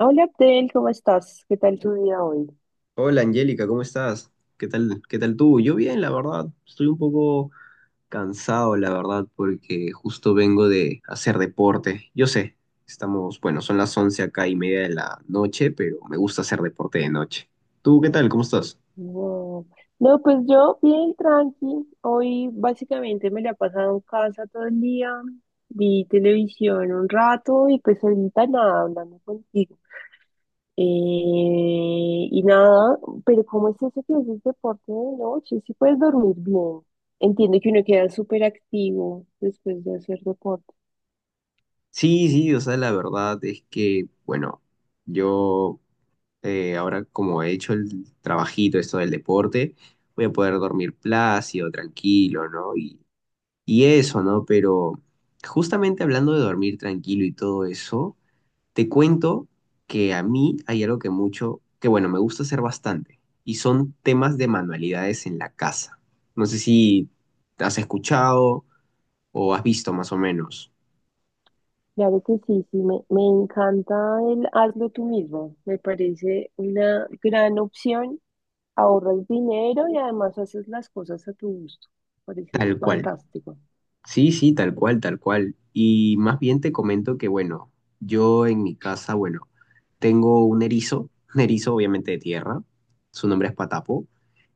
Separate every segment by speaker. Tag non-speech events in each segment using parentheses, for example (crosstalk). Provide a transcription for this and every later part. Speaker 1: Hola Abdel, ¿cómo estás? ¿Qué tal tu día hoy?
Speaker 2: Hola Angélica, ¿cómo estás? Qué tal tú? Yo bien, la verdad. Estoy un poco cansado, la verdad, porque justo vengo de hacer deporte. Yo sé, estamos, bueno, son las 11 acá y media de la noche, pero me gusta hacer deporte de noche. ¿Tú qué tal? ¿Cómo estás?
Speaker 1: Wow. No, pues yo bien tranqui. Hoy básicamente me la he pasado en casa todo el día. Vi televisión un rato y pues ahorita nada, hablando contigo. Eh, y nada, pero ¿cómo es eso que haces deporte de noche? Si puedes dormir bien. Entiendo que uno queda súper activo después de hacer deporte.
Speaker 2: Sí, sí, o sea, la verdad es que, bueno, yo ahora como he hecho el trabajito, esto del deporte, voy a poder dormir plácido, tranquilo, ¿no? Y eso, ¿no? Pero justamente hablando de dormir tranquilo y todo eso, te cuento que a mí hay algo que mucho, que bueno, me gusta hacer bastante, y son temas de manualidades en la casa. No sé si has escuchado o has visto más o menos,
Speaker 1: Claro que sí, sí, me encanta el hazlo tú mismo. Me parece una gran opción. Ahorras dinero y además haces las cosas a tu gusto. Parece
Speaker 2: tal cual.
Speaker 1: fantástico.
Speaker 2: Sí, sí, tal cual, tal cual. Y más bien te comento que, bueno, yo en mi casa, bueno, tengo un erizo, (laughs) un erizo obviamente de tierra, su nombre es Patapo.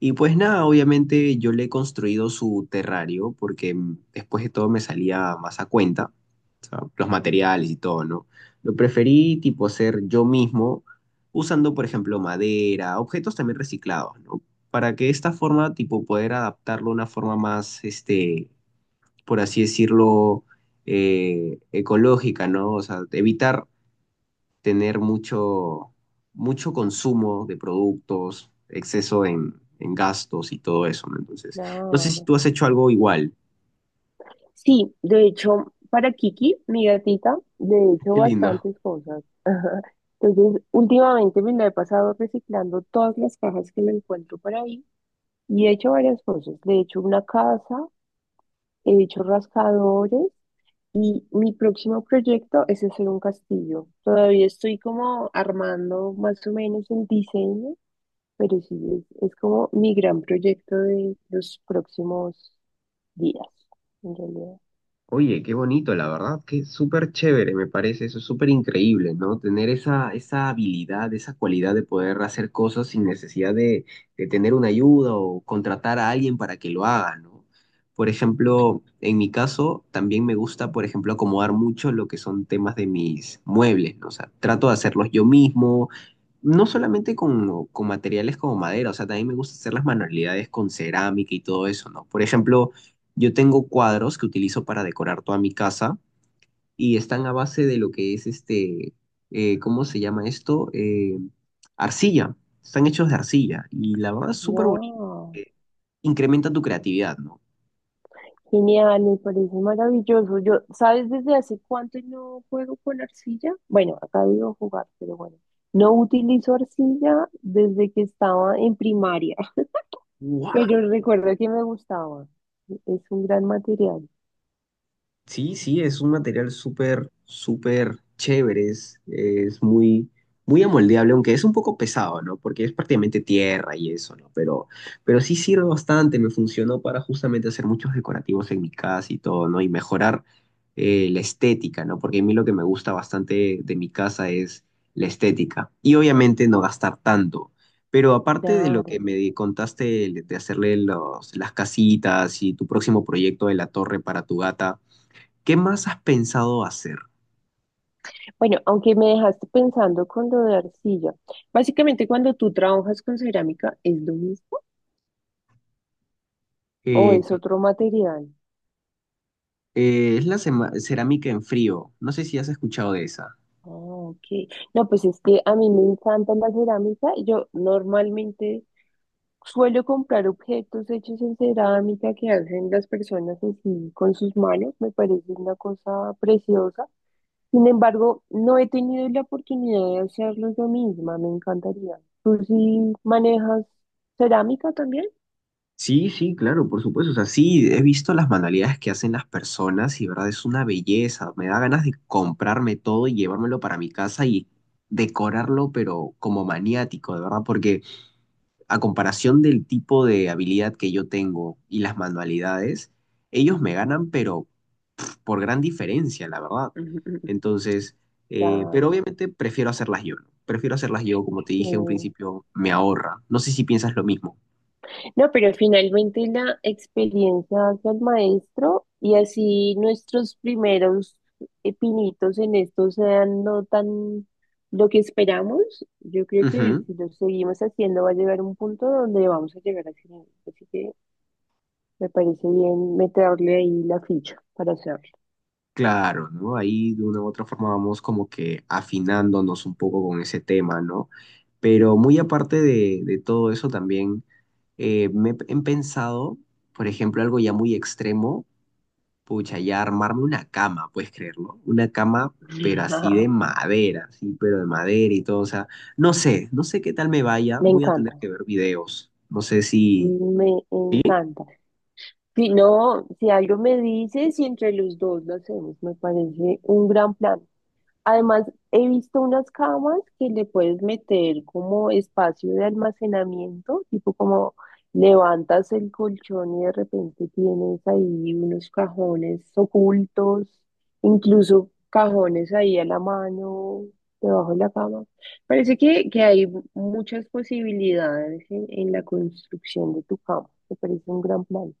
Speaker 2: Y pues nada, obviamente yo le he construido su terrario porque después de todo me salía más a cuenta, o sea, los materiales y todo, ¿no? Lo preferí tipo hacer yo mismo, usando por ejemplo madera, objetos también reciclados, ¿no? Para que de esta forma tipo poder adaptarlo a una forma más, este, por así decirlo, ecológica, ¿no? O sea, evitar tener mucho consumo de productos, exceso en gastos y todo eso, ¿no? Entonces, no sé si
Speaker 1: Claro.
Speaker 2: tú has hecho algo igual.
Speaker 1: Sí, de hecho, para Kiki, mi gatita, le he hecho
Speaker 2: Qué lindo.
Speaker 1: bastantes cosas. (laughs) Entonces, últimamente me la he pasado reciclando todas las cajas que me encuentro por ahí y he hecho varias cosas. Le he hecho una casa, he dicho rascadores y mi próximo proyecto es hacer un castillo. Todavía estoy como armando más o menos el diseño, pero sí, es como mi gran proyecto de los próximos días, en realidad.
Speaker 2: Oye, qué bonito, la verdad, que súper chévere, me parece eso, es súper increíble, ¿no? Tener esa, esa habilidad, esa cualidad de poder hacer cosas sin necesidad de tener una ayuda o contratar a alguien para que lo haga, ¿no? Por ejemplo, en mi caso, también me gusta, por ejemplo, acomodar mucho lo que son temas de mis muebles, ¿no? O sea, trato de hacerlos yo mismo, no solamente con materiales como madera, o sea, también me gusta hacer las manualidades con cerámica y todo eso, ¿no? Por ejemplo, yo tengo cuadros que utilizo para decorar toda mi casa y están a base de lo que es este, ¿cómo se llama esto? Arcilla. Están hechos de arcilla y la verdad es súper bonito.
Speaker 1: ¡Wow!
Speaker 2: eh, Incrementa tu creatividad, ¿no?
Speaker 1: Genial, me parece maravilloso. Yo, ¿sabes desde hace cuánto no juego con arcilla? Bueno, acá digo jugar, pero bueno. No utilizo arcilla desde que estaba en primaria. Pero recuerdo que me gustaba. Es un gran material.
Speaker 2: Sí, sí, es un material súper, súper chévere, es muy, muy amoldeable, aunque es un poco pesado, ¿no? Porque es prácticamente tierra y eso, ¿no? Pero sí sirve bastante, me funcionó para justamente hacer muchos decorativos en mi casa y todo, ¿no? Y mejorar la estética, ¿no? Porque a mí lo que me gusta bastante de mi casa es la estética. Y obviamente no gastar tanto. Pero aparte de lo que
Speaker 1: Claro.
Speaker 2: contaste de hacerle los, las casitas y tu próximo proyecto de la torre para tu gata, ¿qué más has pensado hacer?
Speaker 1: Bueno, aunque me dejaste pensando con lo de arcilla. Básicamente, cuando tú trabajas con cerámica, ¿es lo mismo o
Speaker 2: Eh, cu-
Speaker 1: es otro material?
Speaker 2: es la cerámica en frío. No sé si has escuchado de esa.
Speaker 1: Ah, ok. No, pues es que a mí me encanta la cerámica. Yo normalmente suelo comprar objetos hechos en cerámica que hacen las personas así con sus manos. Me parece una cosa preciosa. Sin embargo, no he tenido la oportunidad de hacerlo yo misma, me encantaría. ¿Tú sí manejas cerámica también?
Speaker 2: Sí, sí, claro, por supuesto. O sea, sí, he visto las manualidades que hacen las personas y, verdad, es una belleza. Me da ganas de comprarme todo y llevármelo para mi casa y decorarlo, pero como maniático, de verdad, porque a comparación del tipo de habilidad que yo tengo y las manualidades, ellos me ganan, pero por gran diferencia, la verdad.
Speaker 1: (laughs) Ujú, ujú.
Speaker 2: Entonces, pero
Speaker 1: Claro.
Speaker 2: obviamente prefiero hacerlas yo, ¿no? Prefiero hacerlas yo, como te
Speaker 1: Sí.
Speaker 2: dije en un principio, me ahorra. No sé si piensas lo mismo.
Speaker 1: No, pero finalmente la experiencia hace el maestro y así nuestros primeros pinitos en esto sean no tan lo que esperamos. Yo creo que
Speaker 2: Ujú.
Speaker 1: si lo seguimos haciendo va a llegar un punto donde vamos a llegar al final. Así que me parece bien meterle ahí la ficha para hacerlo.
Speaker 2: Claro, ¿no? Ahí de una u otra forma vamos como que afinándonos un poco con ese tema, ¿no? Pero muy aparte de todo eso también, me he pensado, por ejemplo, algo ya muy extremo, pucha, ya armarme una cama, puedes creerlo. Una cama, pero
Speaker 1: (laughs)
Speaker 2: así de
Speaker 1: Ajá.
Speaker 2: madera, sí, pero de madera y todo. O sea, no sé, no sé qué tal me vaya.
Speaker 1: Me
Speaker 2: Voy a tener
Speaker 1: encanta,
Speaker 2: que ver videos. No sé si.
Speaker 1: me encanta. Si no, si algo me dices y entre los dos lo hacemos, me parece un gran plan. Además, he visto unas camas que le puedes meter como espacio de almacenamiento, tipo como levantas el colchón y de repente tienes ahí unos cajones ocultos, incluso cajones ahí a la mano, debajo de la cama. Parece que hay muchas posibilidades en la construcción de tu cama. Me parece un gran plan.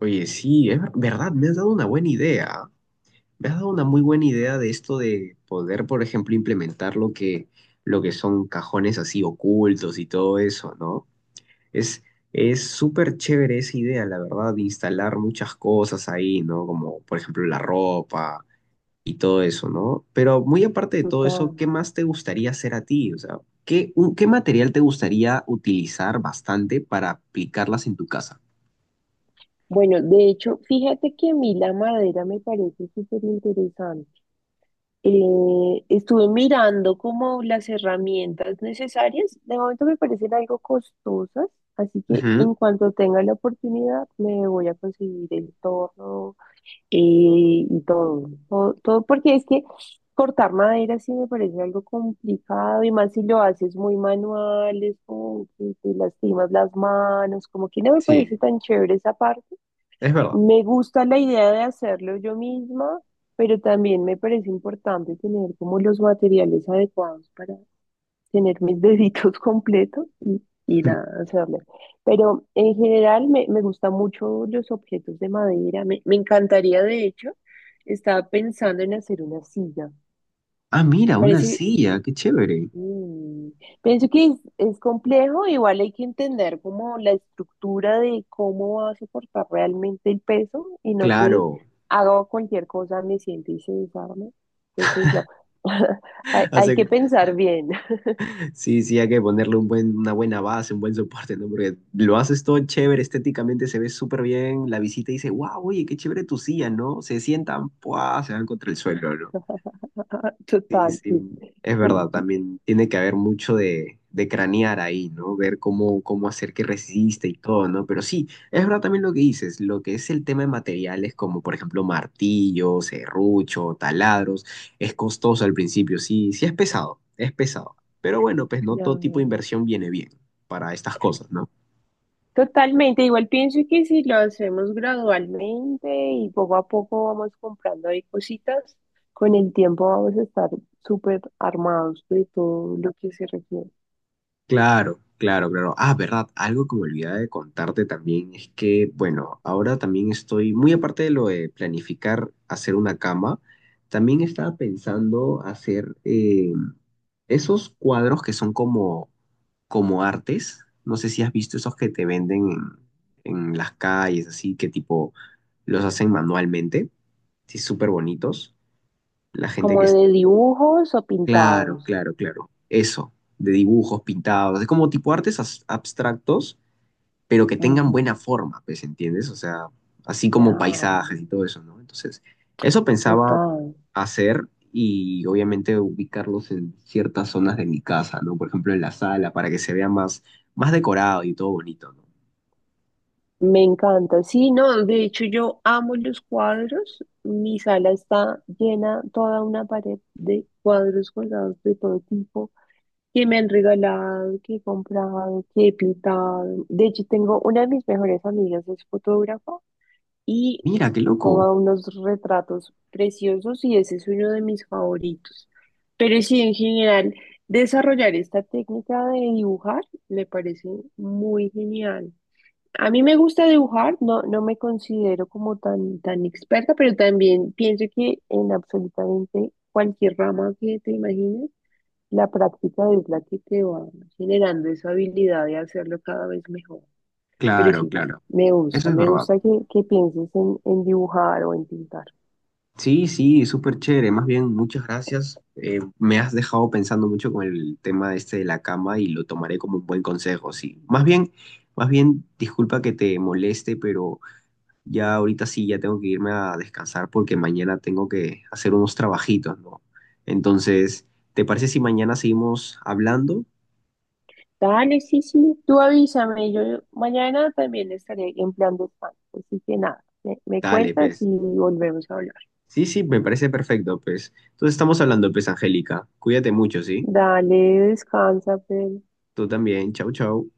Speaker 2: Oye, sí, es verdad, me has dado una buena idea. Me has dado una muy buena idea de esto de poder, por ejemplo, implementar lo lo que son cajones así ocultos y todo eso, ¿no? Es, es súper chévere esa idea, la verdad, de instalar muchas cosas ahí, ¿no? Como, por ejemplo, la ropa y todo eso, ¿no? Pero muy aparte de todo eso,
Speaker 1: Total.
Speaker 2: ¿qué más te gustaría hacer a ti? O sea, ¿qué, qué material te gustaría utilizar bastante para aplicarlas en tu casa?
Speaker 1: Bueno, de hecho, fíjate que a mí la madera me parece súper interesante. Estuve mirando como las herramientas necesarias. De momento me parecen algo costosas, así que
Speaker 2: Ujú,
Speaker 1: en cuanto tenga la oportunidad me voy a conseguir el torno eh, y todo, todo, todo, porque es que cortar madera sí me parece algo complicado y más si lo haces muy manual, es como que te lastimas las manos, como que no me parece
Speaker 2: sí,
Speaker 1: tan chévere esa parte.
Speaker 2: es verdad.
Speaker 1: Me gusta la idea de hacerlo yo misma, pero también me parece importante tener como los materiales adecuados para tener mis deditos (laughs) completos y nada, hacerle. Pero en general me gustan mucho los objetos de madera. Me encantaría, de hecho, estaba pensando en hacer una silla.
Speaker 2: Ah, mira, una
Speaker 1: Parece
Speaker 2: silla, qué chévere.
Speaker 1: Mm, pienso que es complejo, igual hay que entender como la estructura de cómo va a soportar realmente el peso y no que
Speaker 2: Claro.
Speaker 1: haga cualquier cosa, me siente y se desarme. Entonces, no, (laughs) hay
Speaker 2: Así
Speaker 1: que
Speaker 2: que,
Speaker 1: pensar bien,
Speaker 2: sí, sí, hay que ponerle un buen, una buena base, un buen soporte, ¿no? Porque lo haces todo chévere, estéticamente se ve súper bien. La visita dice, wow, oye, qué chévere tu silla, ¿no? Se sientan, ¡pua!, se van contra el suelo, ¿no?
Speaker 1: (laughs)
Speaker 2: Sí,
Speaker 1: total.
Speaker 2: sí,
Speaker 1: Sí, sí,
Speaker 2: es
Speaker 1: sí.
Speaker 2: verdad,
Speaker 1: Sí.
Speaker 2: también tiene que haber mucho de cranear ahí, ¿no? Ver cómo, cómo hacer que resista y todo, ¿no? Pero sí, es verdad también lo que dices, lo que es el tema de materiales como, por ejemplo, martillos, serrucho, taladros, es costoso al principio, sí, sí es pesado, es pesado. Pero bueno, pues no
Speaker 1: No,
Speaker 2: todo
Speaker 1: no,
Speaker 2: tipo de
Speaker 1: no.
Speaker 2: inversión viene bien para estas cosas, ¿no?
Speaker 1: Totalmente, igual pienso que si lo hacemos gradualmente y poco a poco vamos comprando ahí cositas, con el tiempo vamos a estar súper armados de todo lo que se requiere,
Speaker 2: Claro, claro, claro. Ah, verdad, algo que me olvidaba de contarte también es que, bueno, ahora también estoy, muy aparte de lo de planificar hacer una cama, también estaba pensando hacer esos cuadros que son como, como artes. No sé si has visto esos que te venden en las calles, así que tipo los hacen manualmente, sí, súper bonitos. La gente
Speaker 1: como
Speaker 2: que
Speaker 1: de
Speaker 2: está
Speaker 1: dibujos o
Speaker 2: claro,
Speaker 1: pintados.
Speaker 2: claro, claro. Eso, de dibujos pintados, es como tipo artes abstractos, pero que tengan
Speaker 1: Ujú,
Speaker 2: buena forma, pues, ¿entiendes? O sea, así como
Speaker 1: claro,
Speaker 2: paisajes y todo eso, ¿no? Entonces, eso pensaba
Speaker 1: total.
Speaker 2: hacer y obviamente ubicarlos en ciertas zonas de mi casa, ¿no? Por ejemplo, en la sala, para que se vea más, más decorado y todo bonito, ¿no?
Speaker 1: Me encanta. Sí, no, de hecho yo amo los cuadros. Mi sala está llena, toda una pared de cuadros colgados de todo tipo. Que me han regalado, que he comprado, que he pintado. De hecho, tengo una de mis mejores amigas, es fotógrafa y
Speaker 2: Mira, qué loco.
Speaker 1: toma unos retratos preciosos y ese es uno de mis favoritos. Pero sí, en general, desarrollar esta técnica de dibujar me parece muy genial. A mí me gusta dibujar, no, no me considero como tan, tan experta, pero también pienso que en absolutamente cualquier rama que te imagines la práctica es la que te va generando esa habilidad de hacerlo cada vez mejor. Pero
Speaker 2: Claro,
Speaker 1: sí, me,
Speaker 2: claro.
Speaker 1: me
Speaker 2: Eso
Speaker 1: gusta,
Speaker 2: es
Speaker 1: me
Speaker 2: verdad.
Speaker 1: gusta que pienses en dibujar o en pintar.
Speaker 2: Sí, sí, súper chévere. Más bien, muchas gracias. Me has dejado pensando mucho con el tema este de la cama y lo tomaré como un buen consejo, sí. Más bien, disculpa que te moleste, pero ya ahorita sí, ya tengo que irme a descansar porque mañana tengo que hacer unos trabajitos, ¿no? Entonces, ¿te parece si mañana seguimos hablando?
Speaker 1: Dale, sí, sí, tú avísame, yo mañana también estaré en plan de España. Así que nada, me
Speaker 2: Dale,
Speaker 1: cuentas y
Speaker 2: pues.
Speaker 1: volvemos a hablar.
Speaker 2: Sí, sí, me parece perfecto, pues. Entonces estamos hablando, pues, Angélica. Cuídate mucho, ¿sí?
Speaker 1: Dale, descansa, pero.
Speaker 2: Tú también. Chau, chau.